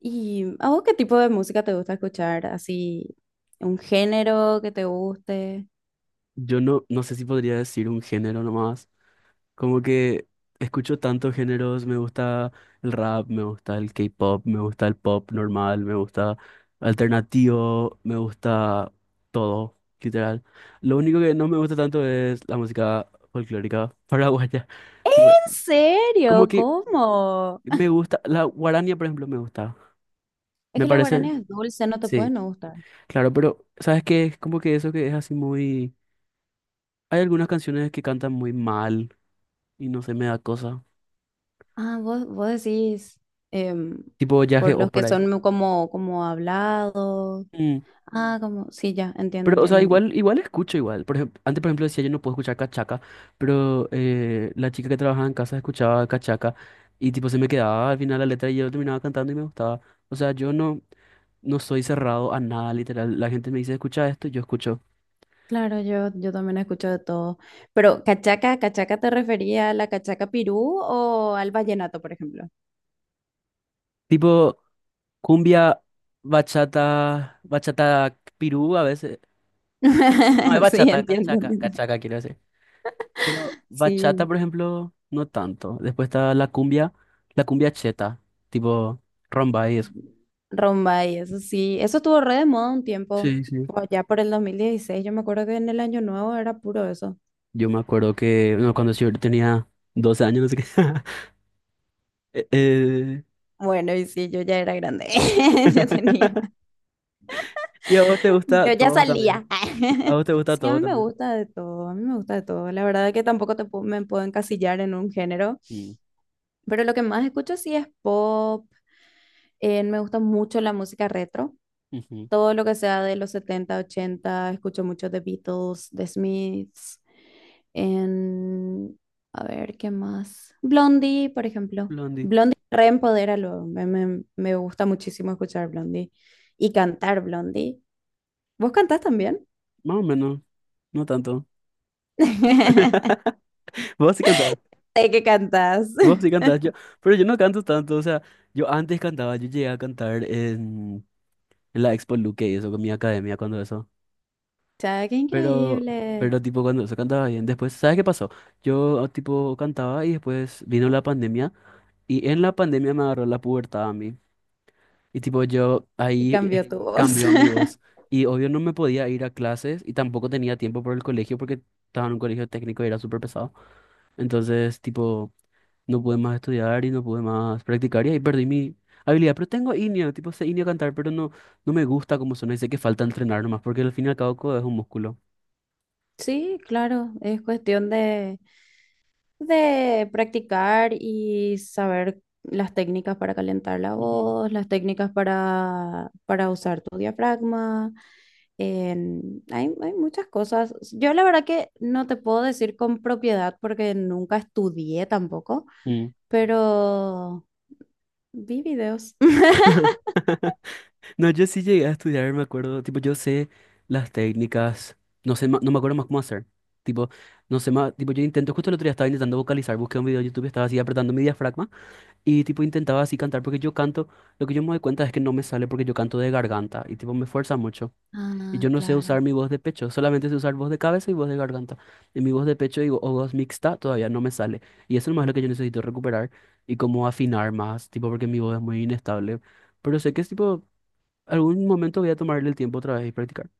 ¿Y a vos qué tipo de música te gusta escuchar? ¿Así un género que te guste? Yo no, no sé si podría decir un género nomás. Como que escucho tantos géneros, me gusta el rap, me gusta el K-pop, me gusta el pop normal, me gusta alternativo, me gusta todo, literal. Lo único que no me gusta tanto es la música folclórica paraguaya. Tipo, ¿En como serio? que ¿Cómo? me gusta, la guarania, por ejemplo, me gusta. Es ¿Me que la parece? guarana es dulce, no te puede Sí, no gustar. claro, pero ¿sabes qué? Es como que eso que es así muy. Hay algunas canciones que cantan muy mal y no se me da cosa. Ah, vos decís em, Tipo Yage por o los que por ahí. son como, como hablados. Mm. Ah, como, sí, ya, entiendo, Pero, o entiendo, sea, entiendo. igual escucho igual. Por ejemplo, antes, por ejemplo, decía yo no puedo escuchar cachaca, pero la chica que trabajaba en casa escuchaba cachaca y tipo se me quedaba al final la letra y yo terminaba cantando y me gustaba. O sea, yo no, no soy cerrado a nada, literal. La gente me dice, escucha esto, y yo escucho. Claro, yo también escucho de todo. Pero, ¿cachaca, cachaca te refería a la cachaca pirú o al vallenato, por ejemplo? Tipo cumbia, bachata, bachata pirú a veces. No, no es Sí, bachata, entiendo, cachaca, entiendo. cachaca quiero decir. Pero bachata, Sí. por ejemplo, no tanto. Después está la cumbia cheta, tipo rumba y eso. Rombay, eso sí, eso estuvo re de moda un tiempo, Sí, sí. por allá por el 2016. Yo me acuerdo que en el año nuevo era puro eso. Yo me acuerdo que no, cuando yo tenía 12 años, no sé qué. Eh, eh, Bueno, y sí, yo ya era grande, yo tenía, Y a vos te gusta yo ya todo también. salía. A vos te gusta Sí, a todo mí me también. gusta de todo, a mí me gusta de todo. La verdad que tampoco me puedo encasillar en un género, Mm, pero lo que más escucho sí es pop, me gusta mucho la música retro, ujú. todo lo que sea de los 70 80. Escucho mucho de Beatles, de Smiths. En, a ver, ¿qué más? Blondie, por ejemplo. Blondie. Blondie reempodera. Me gusta muchísimo escuchar Blondie y cantar Blondie. ¿Vos cantás también? Más o menos, no tanto. Vos sí cantabas. Sé que cantás. Vos sí cantabas. Pero yo no canto tanto. O sea, yo antes cantaba, yo llegué a cantar en la Expo Luque y eso con mi academia cuando eso. Ya, qué Pero, increíble. pero tipo cuando se cantaba bien, después, ¿sabes qué pasó? Yo tipo cantaba y después vino la pandemia y en la pandemia me agarró la pubertad a mí. Y tipo yo Y ahí cambió tu sí voz. cambió mi voz. Y obvio no me podía ir a clases y tampoco tenía tiempo por el colegio porque estaba en un colegio técnico y era súper pesado. Entonces, tipo, no pude más estudiar y no pude más practicar y ahí perdí mi habilidad. Pero tengo inio, tipo, sé inio cantar, pero no, no me gusta cómo suena y sé que falta entrenar nomás porque al fin y al cabo codo es un músculo. Sí, claro, es cuestión de practicar y saber las técnicas para calentar la voz, las técnicas para usar tu diafragma. Hay, hay muchas cosas. Yo la verdad que no te puedo decir con propiedad porque nunca estudié tampoco, Ujú. pero vi videos. No, yo sí llegué a estudiar, me acuerdo, tipo, yo sé las técnicas, no sé, no me acuerdo más cómo hacer. Tipo, no sé más, tipo, yo intento, justo el otro día estaba intentando vocalizar, busqué un video de YouTube, estaba así apretando mi diafragma y tipo intentaba así cantar porque yo canto, lo que yo me doy cuenta es que no me sale porque yo canto de garganta y tipo me fuerza mucho. Y Ah, yo no sé usar claro. mi voz de pecho, solamente sé usar voz de cabeza y voz de garganta. Y mi voz de pecho y, o voz mixta todavía no me sale. Y eso nomás es más lo que yo necesito recuperar y como afinar más, tipo, porque mi voz es muy inestable. Pero sé que es tipo, algún momento voy a tomarle el tiempo otra vez y practicar.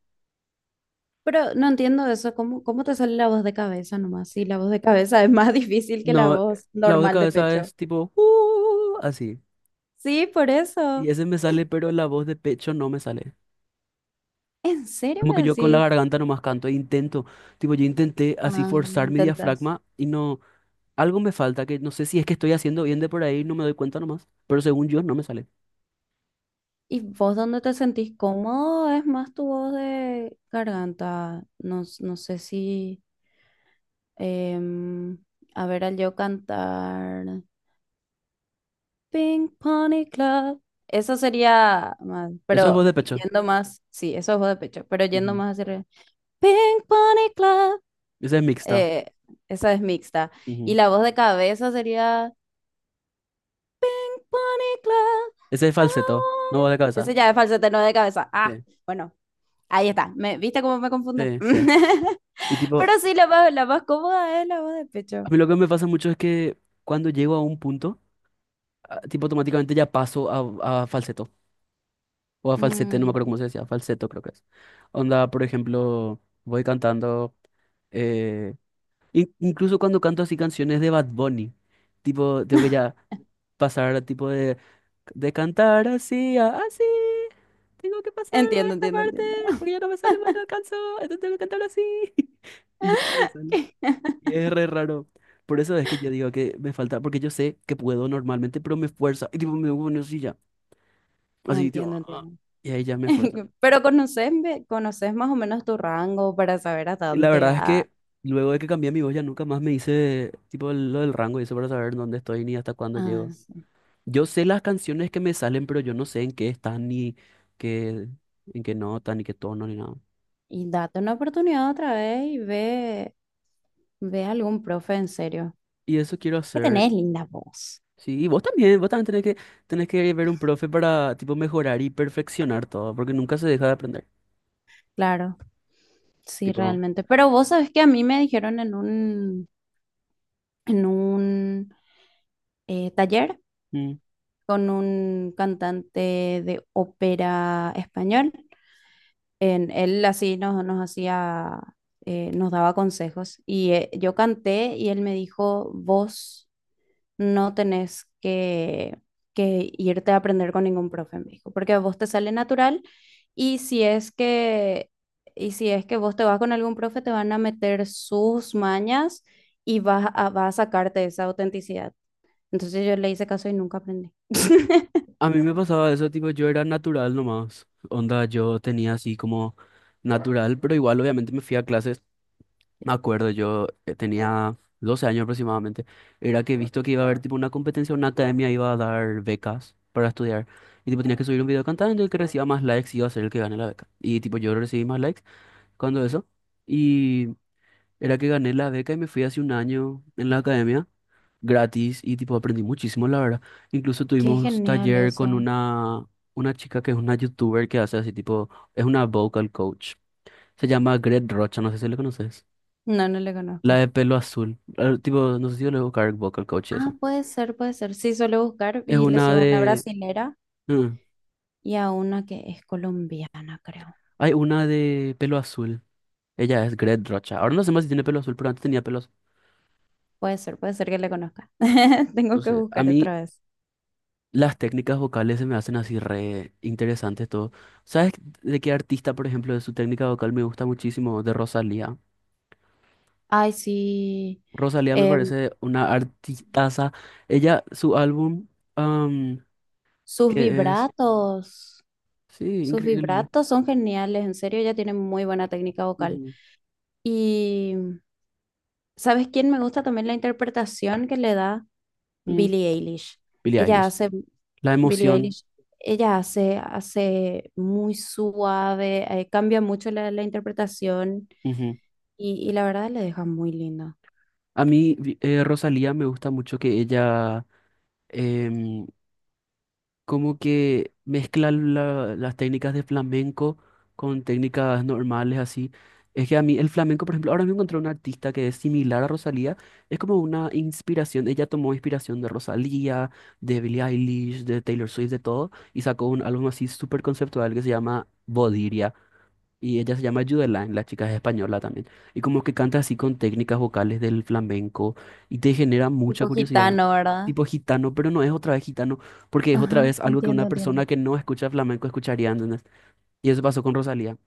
Pero no entiendo eso, ¿cómo, cómo te sale la voz de cabeza nomás? Sí, la voz de cabeza es más difícil que la No, voz la voz de normal de cabeza pecho. es tipo, así. Sí, por Y eso. ese me sale, pero la voz de pecho no me sale. ¿En serio Como que me yo con la decís? garganta nomás canto e intento, tipo, yo intenté así Ah, forzar mi intentas. diafragma y no. Algo me falta que no sé si es que estoy haciendo bien de por ahí, no me doy cuenta nomás, pero según yo no me sale. ¿Y vos dónde te sentís cómodo? Es más tu voz de garganta. No, no sé si... em, a ver, al yo cantar... Pink Pony Club. Eso sería más, Eso es voz pero de pecho. yendo más... Sí, eso es voz de pecho, pero yendo Ujú. más hacia arriba. Pink Pony Club. Ese es mixta. eh, esa es mixta. Y Ujú. la voz de cabeza sería... Bunny Club. Ese es falseto, no voz de cabeza. Ese ya es falsete, no de cabeza. Ah, Sí, bueno, ahí está. ¿Viste cómo me confunde? sí, sí. Y tipo, Pero sí, la más cómoda es la voz de pecho. a mí lo que me pasa mucho es que cuando llego a un punto, ah, tipo automáticamente ya paso a falseto o a falsete, no me acuerdo Mm. cómo se decía, falseto creo que es. Onda, por ejemplo, voy cantando, eh, incluso cuando canto así canciones de Bad Bunny, tipo, tengo que ya pasar tipo de cantar así, así. Tengo que pasar a Entiendo, esta entiendo, parte entiendo. porque ya no me sale más y no alcanzo. Entonces tengo que cantar así. Y ya no me sale. Y es re raro. Por eso es que yo digo que me falta, porque yo sé que puedo normalmente, pero me esfuerza. Y tipo, me pongo así ya. Así, tipo, Entiendo, ah, entiendo. y ahí ya me esfuerza. Pero conoces, conoces más o menos tu rango para saber hasta Y dónde la verdad es llegas. que luego de que cambié mi voz ya nunca más me hice tipo lo del rango y eso para saber dónde estoy ni hasta cuándo Ah, llego. sí. Yo sé las canciones que me salen, pero yo no sé en qué están ni qué, en qué nota, ni qué tono, ni nada. Y date una oportunidad otra vez y ve a algún profe en serio. Y eso quiero Que hacer. tenés linda voz. Sí, y vos también, tenés que ver un profe para, tipo, mejorar y perfeccionar todo, porque nunca se deja de aprender. Claro. Sí, Tipo, realmente. Pero vos sabés que a mí me dijeron en en un taller mm. con un cantante de ópera español. Él así nos hacía, nos daba consejos. Y yo canté y él me dijo, vos no tenés que irte a aprender con ningún profe, me dijo, porque a vos te sale natural y y si es que vos te vas con algún profe, te van a meter sus mañas y vas a sacarte esa autenticidad. Entonces yo le hice caso y nunca aprendí. A mí me pasaba eso, tipo, yo era natural nomás. Onda, yo tenía así como natural, pero igual obviamente me fui a clases. Me acuerdo, yo tenía 12 años aproximadamente. Era que visto que iba a haber tipo una competencia, una academia iba a dar becas para estudiar. Y tipo tenía que subir un video cantando y el que reciba más likes iba a ser el que gane la beca. Y tipo yo recibí más likes cuando eso. Y era que gané la beca y me fui hace un año en la academia gratis y tipo aprendí muchísimo, la verdad. Incluso Qué tuvimos genial taller con eso. una chica que es una youtuber que hace así tipo, es una vocal coach. Se llama Gret Rocha, no sé si le conoces. No, no le La conozco. de pelo azul. Tipo, no sé si yo le voy a buscar vocal coach y Ah, eso. puede ser, puede ser. Sí, suelo buscar Es y les una iba a una de. brasilera Mm. y a una que es colombiana, creo. Hay una de pelo azul. Ella es Gret Rocha. Ahora no sé más si tiene pelo azul, pero antes tenía pelo azul. Puede ser que le conozca. No Tengo que sé. A buscar mí otra vez. las técnicas vocales se me hacen así re interesantes todo. ¿Sabes de qué artista, por ejemplo, de su técnica vocal me gusta muchísimo? De Rosalía. Ay, sí. Rosalía me Em, parece una artistaza. Ella, su álbum, am, sus que es, vibratos, sí, sus increíble. vibratos son geniales, en serio, ella tiene muy buena técnica vocal. Ujú. Y ¿sabes quién me gusta también la interpretación que le da? Mm. Billie Eilish. Billie Ella Eilish. hace, La Billie emoción. Eilish, ella hace, hace muy suave, cambia mucho la interpretación Ujú. Y la verdad le deja muy linda. A mí, Rosalía me gusta mucho que ella em, como que mezcla las técnicas de flamenco con técnicas normales así. Es que a mí el flamenco, por ejemplo, ahora me encontré una artista que es similar a Rosalía, es como una inspiración, ella tomó inspiración de Rosalía, de Billie Eilish, de Taylor Swift, de todo, y sacó un álbum así súper conceptual que se llama Bodiria, y ella se llama Judeline, la chica es española también. Y como que canta así con técnicas vocales del flamenco y te genera mucha Tipo curiosidad. gitano, ¿verdad? Tipo gitano, pero no es otra vez gitano, porque es otra Ajá, vez algo que entiendo, una persona entiendo. que no escucha flamenco escucharía, ¿entendés? Y eso pasó con Rosalía.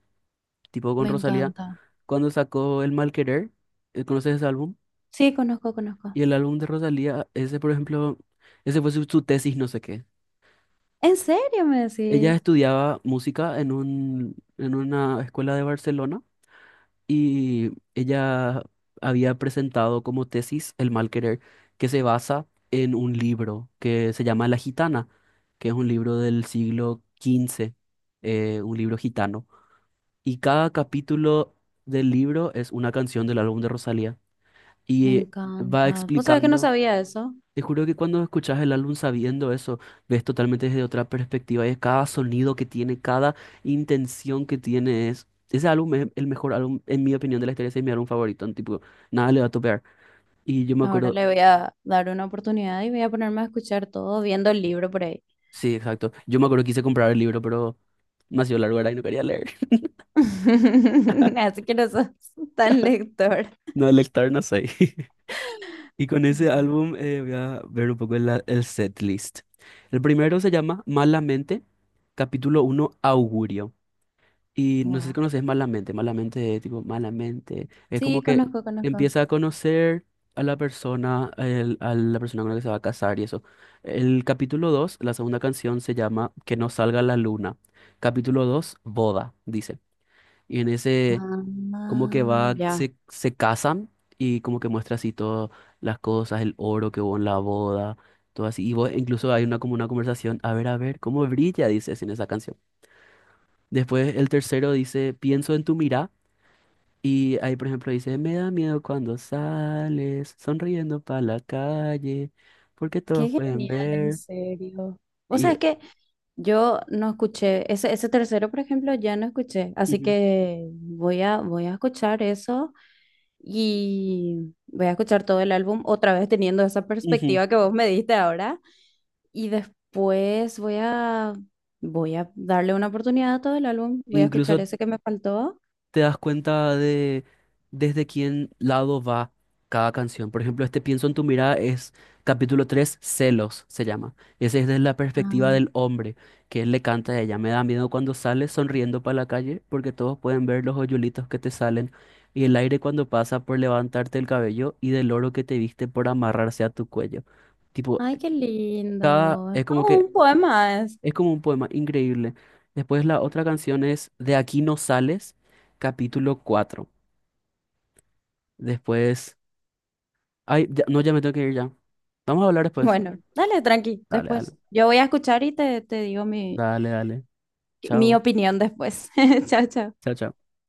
Tipo con Me Rosalía, encanta. cuando sacó El Mal Querer, ¿conoces ese álbum? Sí, conozco, conozco. Y el álbum de Rosalía, ese por ejemplo, ese fue su, tesis, no sé qué. ¿En serio me Ella decís? estudiaba música en un, en una escuela de Barcelona y ella había presentado como tesis El mal querer, que se basa en un libro que se llama La Gitana, que es un libro del siglo XV, un libro gitano. Y cada capítulo del libro es una canción del álbum de Rosalía Me y va encanta. Vos sabés que no explicando. sabía eso. Te juro que cuando escuchas el álbum sabiendo eso, ves totalmente desde otra perspectiva y es cada sonido que tiene, cada intención que tiene es. Ese álbum es el mejor álbum, en mi opinión, de la historia, ese es mi álbum favorito, en tipo, nada le va a topear. Y yo me Ahora acuerdo, le voy a dar una oportunidad y voy a ponerme a escuchar todo viendo el libro por ahí. sí, exacto, yo me acuerdo que quise comprar el libro, pero demasiado largo era y no quería leer. Así que no sos tan lector. No, el no sé. Y con ese Bueno, álbum voy a ver un poco el set list. El primero se llama Malamente, capítulo uno, Augurio. Y no sé si guau. conoces Malamente, Malamente, tipo, Malamente. Es como Sí, que conozco, conozco. empieza a conocer a la persona, a la persona con la que se va a casar y eso. El capítulo 2 la segunda canción se llama Que no salga la luna. Capítulo 2 boda, dice. Y en ese, como que Ah, va, ya. se casan y como que muestra así todas las cosas, el oro que hubo en la boda, todo así. Y incluso hay una, como una conversación, a ver, cómo brilla, dices en esa canción. Después el tercero dice, pienso en tu mirada. Y ahí, por ejemplo, dice, me da miedo cuando sales sonriendo para la calle, porque Qué todos pueden genial, en ver. serio. O sea, es Y que yo no escuché, ese tercero, por ejemplo, ya no escuché, así Ujú, que voy voy a escuchar eso y voy a escuchar todo el álbum otra vez teniendo esa ujú. perspectiva que vos me diste ahora. Y después voy voy a darle una oportunidad a todo el álbum. Voy a escuchar Incluso ese que me faltó. te das cuenta de desde quién lado va cada canción. Por ejemplo, este Pienso en tu mirada es capítulo 3 Celos se llama. Ese es desde la perspectiva Ah, del hombre, que él le canta a ella. Me da miedo cuando sales sonriendo para la calle porque todos pueden ver los hoyuelitos que te salen y el aire cuando pasa por levantarte el cabello y del oro que te viste por amarrarse a tu cuello. Tipo, ay, qué lindo. Es es como todo que un poema es. es como un poema increíble. Después la otra canción es De aquí no sales, capítulo 4 Después. Ay, no, ya me tengo que ir ya. Vamos a hablar después. Bueno, dale, tranqui, Dale, después. dale. Yo voy a escuchar y te digo mi, Dale, dale. mi Chao. opinión después. Chao, chao. Chao, chao.